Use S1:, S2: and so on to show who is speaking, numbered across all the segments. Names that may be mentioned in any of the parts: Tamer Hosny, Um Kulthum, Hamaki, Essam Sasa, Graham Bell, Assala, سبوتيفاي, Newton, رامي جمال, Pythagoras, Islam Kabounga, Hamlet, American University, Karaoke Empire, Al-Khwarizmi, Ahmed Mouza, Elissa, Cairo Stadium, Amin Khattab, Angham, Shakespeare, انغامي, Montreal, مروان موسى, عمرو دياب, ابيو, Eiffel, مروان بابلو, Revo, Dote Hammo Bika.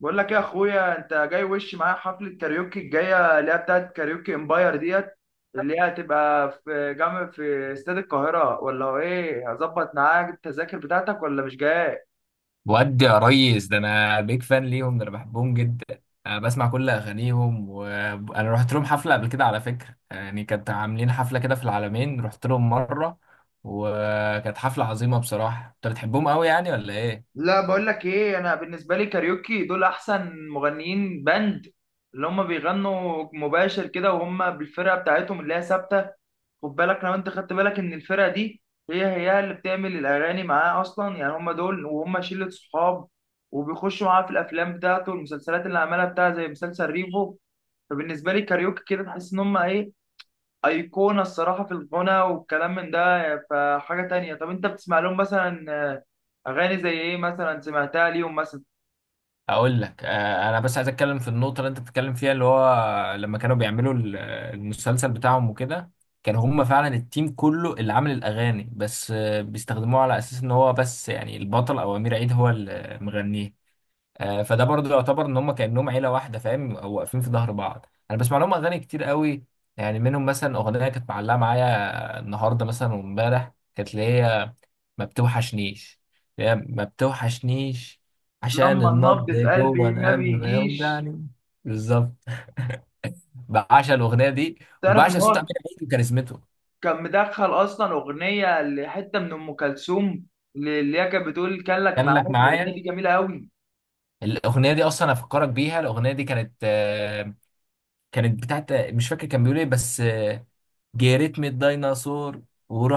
S1: بقول لك إيه يا اخويا، انت جاي وش معايا حفله كاريوكي الجايه اللي هي بتاعت كاريوكي امباير ديت؟ اللي هي هتبقى في جامع في استاد القاهره، ولا هو ايه؟ هظبط معاك التذاكر بتاعتك ولا مش جاي؟
S2: ودي يا ريس، ده انا بيك فان ليهم، ده انا بحبهم جدا. أنا بسمع كل اغانيهم، وانا رحت لهم حفله قبل كده على فكره. يعني كانت عاملين حفله كده في العالمين، رحت لهم مره. وكانت حفله عظيمه بصراحه. انت بتحبهم قوي يعني ولا ايه؟
S1: لا، بقول لك ايه، انا بالنسبه لي كاريوكي دول احسن مغنيين باند، اللي هم بيغنوا مباشر كده وهم بالفرقه بتاعتهم اللي هي ثابته. خد بالك، لو انت خدت بالك ان الفرقه دي هي هي اللي بتعمل الاغاني معاه اصلا، يعني هم دول وهم شله صحاب، وبيخشوا معاه في الافلام بتاعته والمسلسلات اللي عملها بتاعه زي مسلسل ريفو. فبالنسبه لي كاريوكي كده تحس ان هم ايه، ايقونه الصراحه في الغنى والكلام من ده. فحاجه تانية، طب انت بتسمع لهم مثلا اغاني زي ايه مثلا سمعتها ليهم مثلا؟
S2: اقول لك، انا بس عايز اتكلم في النقطه اللي انت بتتكلم فيها، اللي هو لما كانوا بيعملوا المسلسل بتاعهم وكده. كانوا هم فعلا التيم كله اللي عامل الاغاني، بس بيستخدموه على اساس ان هو بس يعني البطل او امير عيد هو اللي مغنيه. فده برضه يعتبر ان هم كانهم عيله واحده، فاهم، او واقفين في ظهر بعض. انا بسمع لهم اغاني كتير قوي. يعني منهم مثلا اغنيه كانت معلقه معايا النهارده مثلا وامبارح، كانت اللي هي ما بتوحشنيش، اللي هي ما بتوحشنيش، عشان
S1: لما
S2: النبض
S1: النبض في
S2: جوه
S1: قلبي ما
S2: القلب ما
S1: بيجيش.
S2: يوجعني. بالظبط. بعشق الاغنيه دي.
S1: تعرف ان
S2: وبعشق صوت امير
S1: هو
S2: عيد وكاريزمته.
S1: كان مدخل اصلا اغنيه لحته من ام كلثوم، اللي هي كانت بتقول كان لك
S2: كان لك
S1: معايا. الاغنيه دي
S2: معايا،
S1: جميله قوي.
S2: الاغنيه دي اصلا افكرك بيها. الاغنيه دي كانت، كانت بتاعت، مش فاكر كان بيقول ايه، بس جريت من الديناصور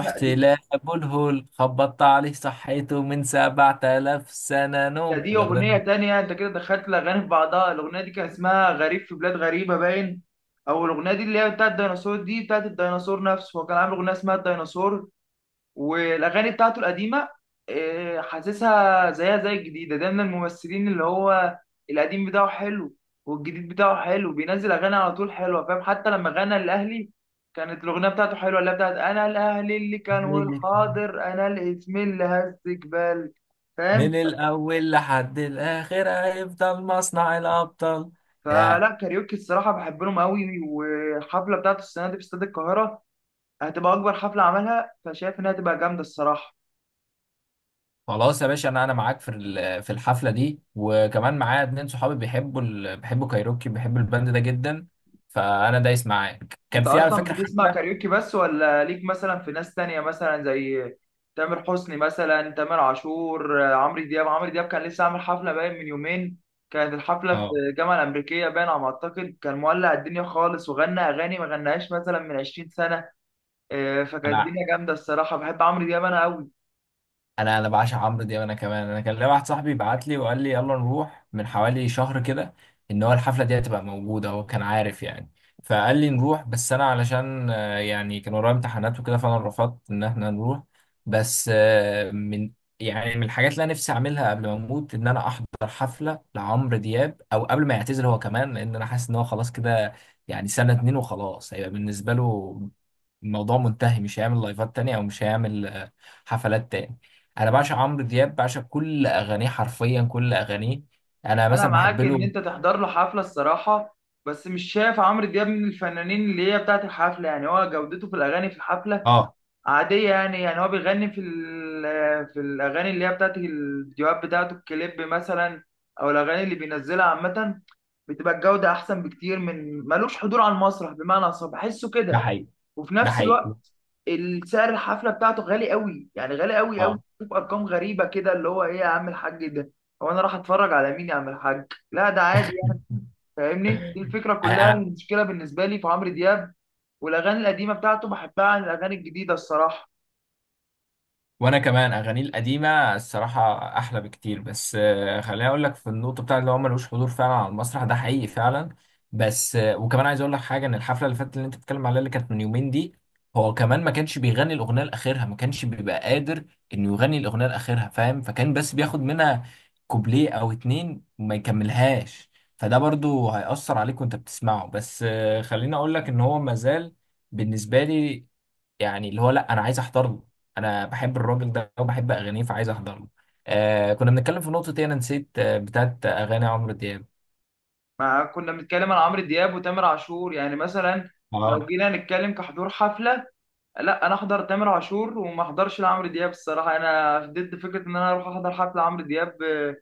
S1: لا، دي،
S2: لأبو الهول، خبطت عليه صحيته من 7000 سنة
S1: ده
S2: نوم.
S1: دي اغنيه
S2: الأغنية
S1: تانية، انت كده دخلت الاغاني في بعضها. الاغنيه دي كان اسمها غريب في بلاد غريبه باين، او الاغنيه دي اللي هي بتاعت الديناصور، دي بتاعت الديناصور نفسه، هو كان عامل اغنيه اسمها الديناصور. والاغاني بتاعته القديمه حاسسها زيها زي الجديده، ده من الممثلين اللي هو القديم بتاعه حلو، والجديد بتاعه حلو بينزل اغاني على طول حلوه، فاهم. حتى لما غنى الاهلي كانت الاغنيه بتاعته حلوه، اللي هي بتاعت انا الاهلي اللي كان
S2: دي
S1: والحاضر انا الاسم اللي هزك بالك،
S2: من
S1: فاهم.
S2: الأول لحد الآخر هيفضل مصنع الأبطال. ياه.
S1: فلا، كاريوكي الصراحه بحب لهم قوي، والحفله بتاعته السنه دي في استاد القاهره هتبقى اكبر حفله عملها، فشايف انها هتبقى جامده الصراحه.
S2: خلاص يا باشا، أنا معاك في الحفلة دي، وكمان معايا اتنين صحابي بيحبوا بيحبوا كايروكي، بيحبوا الباند ده جدا. فأنا دايس معاك كان
S1: انت
S2: في على
S1: اصلا
S2: فكرة
S1: بتسمع
S2: حفلة.
S1: كاريوكي بس، ولا ليك مثلا في ناس تانية مثلا زي تامر حسني مثلا، تامر عاشور، عمرو دياب. عمرو دياب كان لسه عامل حفلة باين من يومين، كانت الحفلة في
S2: اه.
S1: الجامعة الأمريكية باين على ما أعتقد، كان مولع الدنيا خالص، وغنى أغاني ما غناهاش مثلا من 20 سنة. فكانت
S2: أنا
S1: الدنيا جامدة الصراحة، بحب عمرو دياب أنا أوي.
S2: انا انا بعشق عمرو دياب، انا كمان. انا كان ليا واحد صاحبي بعت لي وقال لي يلا نروح من حوالي شهر كده، ان هو الحفله دي هتبقى موجوده، هو كان عارف يعني. فقال لي نروح، بس انا علشان يعني كان ورايا امتحانات وكده، فانا رفضت ان احنا نروح. بس من الحاجات اللي انا نفسي اعملها قبل ما اموت ان انا احضر حفله لعمرو دياب، او قبل ما يعتزل هو كمان، لان انا حاسس ان هو خلاص كده. يعني سنه اتنين وخلاص هيبقى بالنسبه له الموضوع منتهي، مش هيعمل لايفات تانية، او مش هيعمل حفلات تاني. انا بعشق عمرو دياب، بعشق كل اغانيه، حرفيا كل اغانيه. انا
S1: أنا
S2: مثلا بحب
S1: معاك إن
S2: له.
S1: أنت تحضر له حفلة الصراحة، بس مش شايف عمرو دياب من الفنانين اللي هي بتاعت الحفلة، يعني هو جودته في الأغاني في الحفلة
S2: اه.
S1: عادية، يعني يعني هو بيغني في الأغاني اللي هي بتاعت الفيديوهات بتاعته الكليب مثلا، أو الأغاني اللي بينزلها عامة. بتبقى الجودة أحسن بكتير، من ملوش حضور على المسرح بمعنى أصح، بحسه
S2: ده
S1: كده.
S2: حقيقي.
S1: وفي
S2: ده
S1: نفس
S2: حقيقي.
S1: الوقت السعر الحفلة بتاعته غالي قوي، يعني غالي قوي قوي،
S2: اه.
S1: بشوف أرقام غريبة كده اللي هو إيه يا عم الحاج ده، هو أنا راح أتفرج على مين يا عم الحاج؟ لا ده عادي يعني، فاهمني؟ دي الفكرة كلها،
S2: انا
S1: المشكلة بالنسبة لي في عمرو دياب، والأغاني القديمة بتاعته بحبها عن الأغاني الجديدة الصراحة.
S2: وانا كمان اغانيه القديمه الصراحه احلى بكتير. بس خليني اقول لك في النقطه بتاعت اللي هو ملوش حضور فعلا على المسرح، ده حقيقي فعلا. بس وكمان عايز اقول لك حاجه، ان الحفله اللي فاتت اللي انت بتتكلم عليها اللي كانت من يومين دي، هو كمان ما كانش بيغني الاغنيه لاخرها، ما كانش بيبقى قادر انه يغني الاغنيه لاخرها، فاهم. فكان بس بياخد منها كوبليه او اتنين وما يكملهاش. فده برضو هيأثر عليك وانت بتسمعه. بس خليني اقول لك ان هو مازال بالنسبه لي، يعني اللي هو لا، انا عايز احضر له. انا بحب الراجل ده وبحب اغانيه فعايز احضر له. آه كنا بنتكلم في نقطه ايه، انا نسيت، آه بتاعت اغاني عمرو دياب.
S1: ما كنا بنتكلم عن عمرو دياب وتامر عاشور، يعني مثلا لو
S2: اه.
S1: جينا نتكلم كحضور حفلة، لا انا احضر تامر عاشور وما احضرش لعمرو دياب الصراحة، انا ضد فكرة ان انا اروح احضر حفلة عمرو دياب.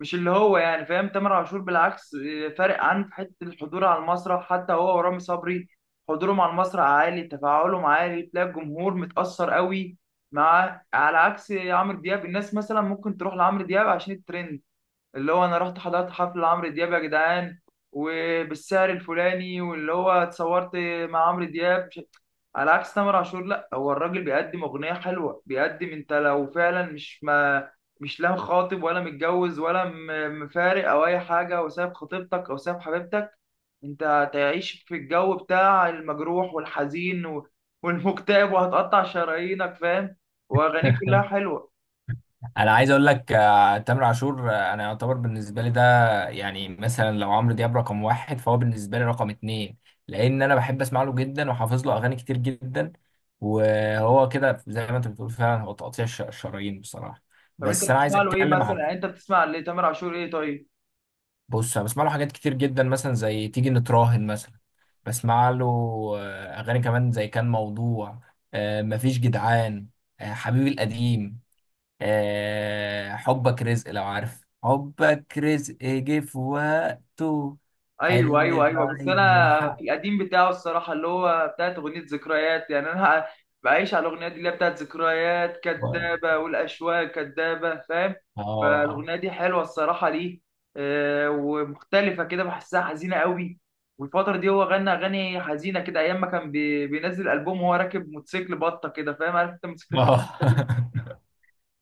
S1: مش اللي هو يعني، فاهم؟ تامر عاشور بالعكس، فارق عن في حتة الحضور على المسرح، حتى هو ورامي صبري حضورهم على المسرح عالي، تفاعلهم عالي، تلاقي الجمهور متأثر قوي. مع على عكس عمرو دياب، الناس مثلا ممكن تروح لعمرو دياب عشان الترند، اللي هو انا رحت حضرت حفل عمرو دياب يا جدعان، وبالسعر الفلاني، واللي هو اتصورت مع عمرو دياب. على عكس تامر عاشور، لا هو الراجل بيقدم اغنيه حلوه، بيقدم، انت لو فعلا مش ما مش لا خاطب ولا متجوز ولا مفارق او اي حاجه، او ساب خطيبتك او ساب حبيبتك، انت هتعيش في الجو بتاع المجروح والحزين والمكتئب، وهتقطع شرايينك، فاهم، واغانيه كلها حلوه.
S2: انا عايز اقول لك، تامر عاشور، انا يعتبر بالنسبه لي ده، يعني مثلا لو عمرو دياب رقم واحد فهو بالنسبه لي رقم اتنين، لان انا بحب اسمع له جدا وحافظ له اغاني كتير جدا. وهو كده زي ما انت بتقول فعلا، هو تقطيع الشرايين بصراحه.
S1: طب انت
S2: بس انا عايز
S1: بتسمع له ايه
S2: اتكلم
S1: مثلا،
S2: عن،
S1: يعني انت بتسمع لتامر عاشور ايه؟ طيب.
S2: بص انا بسمع له حاجات كتير جدا، مثلا زي تيجي نتراهن مثلا. بسمع له اغاني كمان زي كان موضوع، مفيش جدعان، حبيبي القديم، حبك رزق، لو عارف حبك رزق جه في وقته،
S1: ايوه،
S2: حلم
S1: ايوه، ايوه، بس
S2: بعيد،
S1: انا في
S2: وحق.
S1: القديم بتاعه الصراحه اللي هو بتاعت اغنيه ذكريات، يعني انا بعيش على الاغنيه دي اللي هي بتاعت ذكريات كدابه والاشواق كدابه، فاهم.
S2: اه.
S1: فالاغنيه دي حلوه الصراحه ليه، ومختلفه كده بحسها حزينه قوي. والفتره دي هو غنى اغاني حزينه كده، ايام ما كان بينزل البوم وهو راكب موتوسيكل بطه كده، فاهم، عارف انت موتوسيكل،
S2: اه.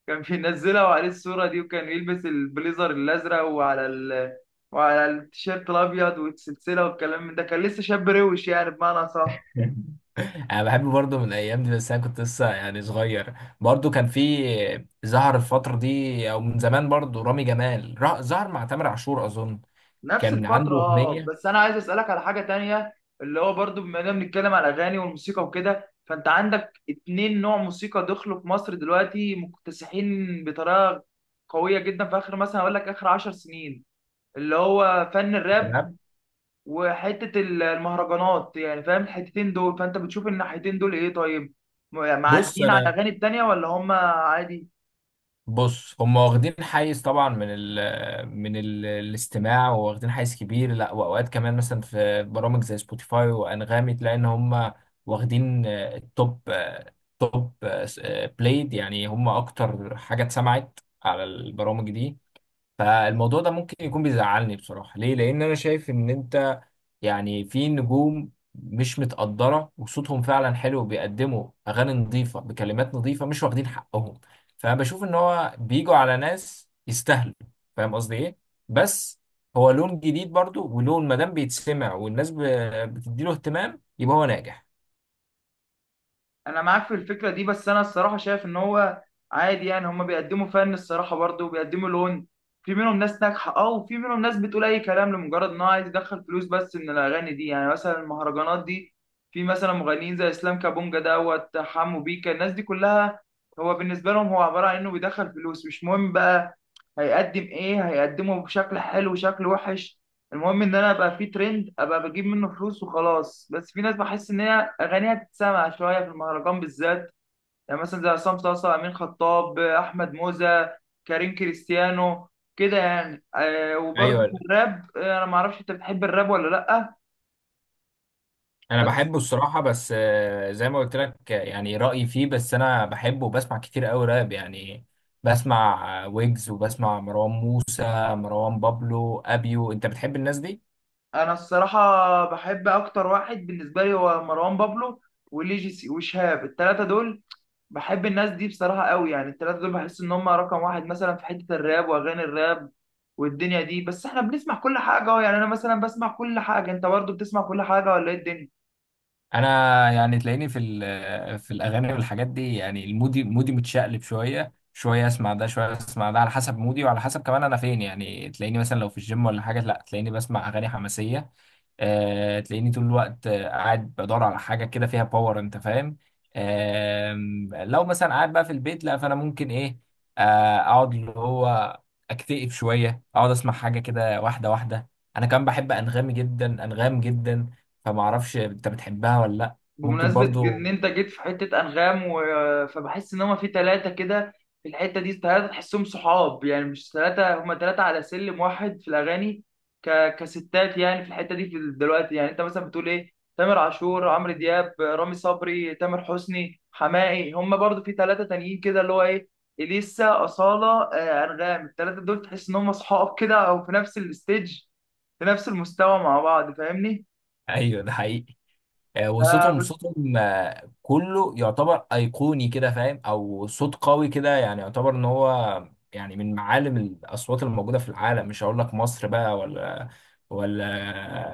S1: كان بينزلها وعليه الصورة دي، وكان يلبس البليزر الأزرق وعلى التيشيرت الأبيض والسلسلة والكلام من ده، كان لسه شاب روش يعني بمعنى صح.
S2: انا بحب برضه من الايام دي، بس انا كنت لسه يعني صغير. برضه كان في ظهر الفتره دي، او من زمان برضه رامي جمال ظهر مع تامر عاشور اظن،
S1: نفس
S2: كان
S1: الفترة،
S2: عنده
S1: اه،
S2: اغنيه.
S1: بس أنا عايز أسألك على حاجة تانية، اللي هو برضو بما إننا بنتكلم على الأغاني والموسيقى وكده، فأنت عندك اتنين نوع موسيقى دخلوا في مصر دلوقتي مكتسحين بطريقة قوية جدا، في آخر مثلا أقول لك آخر 10 سنين، اللي هو فن الراب
S2: راب.
S1: وحته المهرجانات يعني، فاهم الحتتين دول؟ فانت بتشوف الناحيتين دول ايه؟ طيب، يعني
S2: بص
S1: معديين على
S2: انا
S1: الاغاني التانيه ولا هم عادي؟
S2: بص هم واخدين حيز طبعا من ال الاستماع، واخدين حيز كبير. لا، واوقات كمان مثلا في برامج زي سبوتيفاي وانغامي تلاقي ان هم واخدين التوب، آه، توب آه، س- آه، بلايد، يعني هم اكتر حاجه اتسمعت على البرامج دي. فالموضوع ده ممكن يكون بيزعلني بصراحة، ليه؟ لأن أنا شايف إن أنت، يعني في نجوم مش متقدرة وصوتهم فعلا حلو، بيقدموا أغاني نظيفة بكلمات نظيفة، مش واخدين حقهم. فبشوف إن هو بيجوا على ناس يستاهلوا. فاهم قصدي إيه؟ بس هو لون جديد برضو، ولون مادام بيتسمع والناس بتديله اهتمام يبقى هو ناجح.
S1: انا معاك في الفكره دي، بس انا الصراحه شايف ان هو عادي يعني، هما بيقدموا فن الصراحه برضه، وبيقدموا لون. في منهم ناس ناجحه اه، وفي منهم ناس بتقول اي كلام لمجرد ان هو عايز يدخل فلوس بس من الاغاني دي، يعني مثلا المهرجانات دي، في مثلا مغنيين زي اسلام كابونجا دوت حمو بيكا، الناس دي كلها هو بالنسبه لهم هو عباره عن انه بيدخل فلوس. مش مهم بقى، هيقدم ايه، هيقدمه بشكل حلو شكل وحش، المهم ان انا ابقى في ترند، ابقى بجيب منه فلوس وخلاص. بس في ناس بحس ان هي اغانيها تتسمع شويه في المهرجان بالذات، يعني مثلا زي عصام صاصا، امين خطاب، احمد موزة، كريم كريستيانو، كده يعني. وبرضه في
S2: ايوه.
S1: الراب، انا ما اعرفش انت بتحب الراب ولا لا؟
S2: انا
S1: بس
S2: بحبه الصراحه، بس زي ما قلت لك، يعني رايي فيه، بس انا بحبه وبسمع كتير قوي راب يعني. بسمع ويجز، وبسمع مروان موسى، مروان بابلو، ابيو. انت بتحب الناس دي؟
S1: انا الصراحه بحب اكتر واحد بالنسبه لي هو مروان بابلو، وليجيسي، وشهاب، الثلاثه دول بحب الناس دي بصراحة قوي، يعني التلاتة دول بحس إن هم رقم واحد مثلا في حتة الراب وأغاني الراب والدنيا دي. بس إحنا بنسمع كل حاجة أهو، يعني أنا مثلا بسمع كل حاجة، أنت برضو بتسمع كل حاجة ولا إيه الدنيا؟
S2: انا يعني تلاقيني في الاغاني والحاجات دي، يعني المودي متشقلب شويه شويه، اسمع ده شويه اسمع ده على حسب مودي، وعلى حسب كمان انا فين. يعني تلاقيني مثلا لو في الجيم ولا حاجه، لا تلاقيني بسمع اغاني حماسيه. تلاقيني طول الوقت، قاعد بدور على حاجه كده فيها باور، انت فاهم. لو مثلا قاعد بقى في البيت، لا فانا ممكن ايه، اقعد اللي هو اكتئب شويه، اقعد اسمع حاجه كده واحده واحده. انا كمان بحب انغامي جدا، انغام جدا. فما اعرفش انت بتحبها ولا لا؟ ممكن
S1: بمناسبة
S2: برضو.
S1: ان انت جيت في حتة انغام فبحس ان هما في ثلاثة كده في الحتة دي، ثلاثة تحسهم صحاب، يعني مش ثلاثة، هما ثلاثة على سلم واحد في الاغاني كستات يعني في الحتة دي، دلوقتي يعني انت مثلا بتقول ايه، تامر عاشور، عمرو دياب، رامي صبري، تامر حسني، حماقي، هما برضو في ثلاثة تانيين كده اللي هو ايه، اليسا، اصالة، انغام، الثلاثة دول تحس ان هما صحاب كده، او في نفس الستيج، في نفس المستوى مع بعض، فاهمني؟
S2: ايوه ده حقيقي. وصوتهم، كله يعتبر ايقوني كده فاهم، او صوت قوي كده، يعني يعتبر ان هو يعني من معالم الاصوات الموجوده في العالم، مش هقول لك مصر بقى، ولا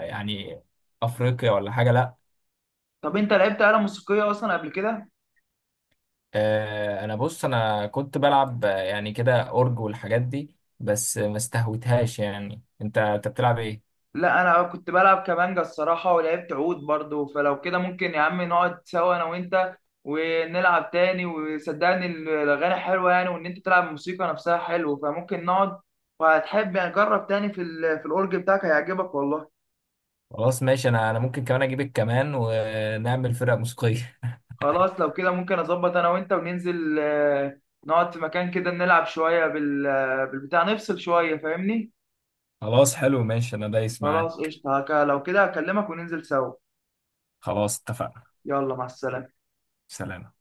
S2: يعني افريقيا ولا حاجه، لا.
S1: طب انت لعبت آلة موسيقية اصلا قبل كده؟
S2: انا بص انا كنت بلعب يعني كده اورج والحاجات دي بس ما استهوتهاش. يعني انت بتلعب ايه؟
S1: لا، انا كنت بلعب كمانجا الصراحة، ولعبت عود برضو، فلو كده ممكن يا عم نقعد سوا انا وانت ونلعب تاني، وصدقني الاغاني حلوة يعني، وان انت تلعب الموسيقى نفسها حلو، فممكن نقعد وهتحب يعني، جرب تاني في الاورج بتاعك هيعجبك والله.
S2: خلاص ماشي. انا ممكن كمان اجيبك كمان، ونعمل فرقه موسيقيه.
S1: خلاص لو كده ممكن اظبط انا وانت وننزل، نقعد في مكان كده نلعب شوية بالبتاع، نفصل شوية، فاهمني؟
S2: خلاص حلو ماشي، انا دايس
S1: خلاص
S2: معاك.
S1: قشطة، لو كده هكلمك وننزل سوا.
S2: خلاص اتفقنا.
S1: يلا، مع السلامة.
S2: سلام.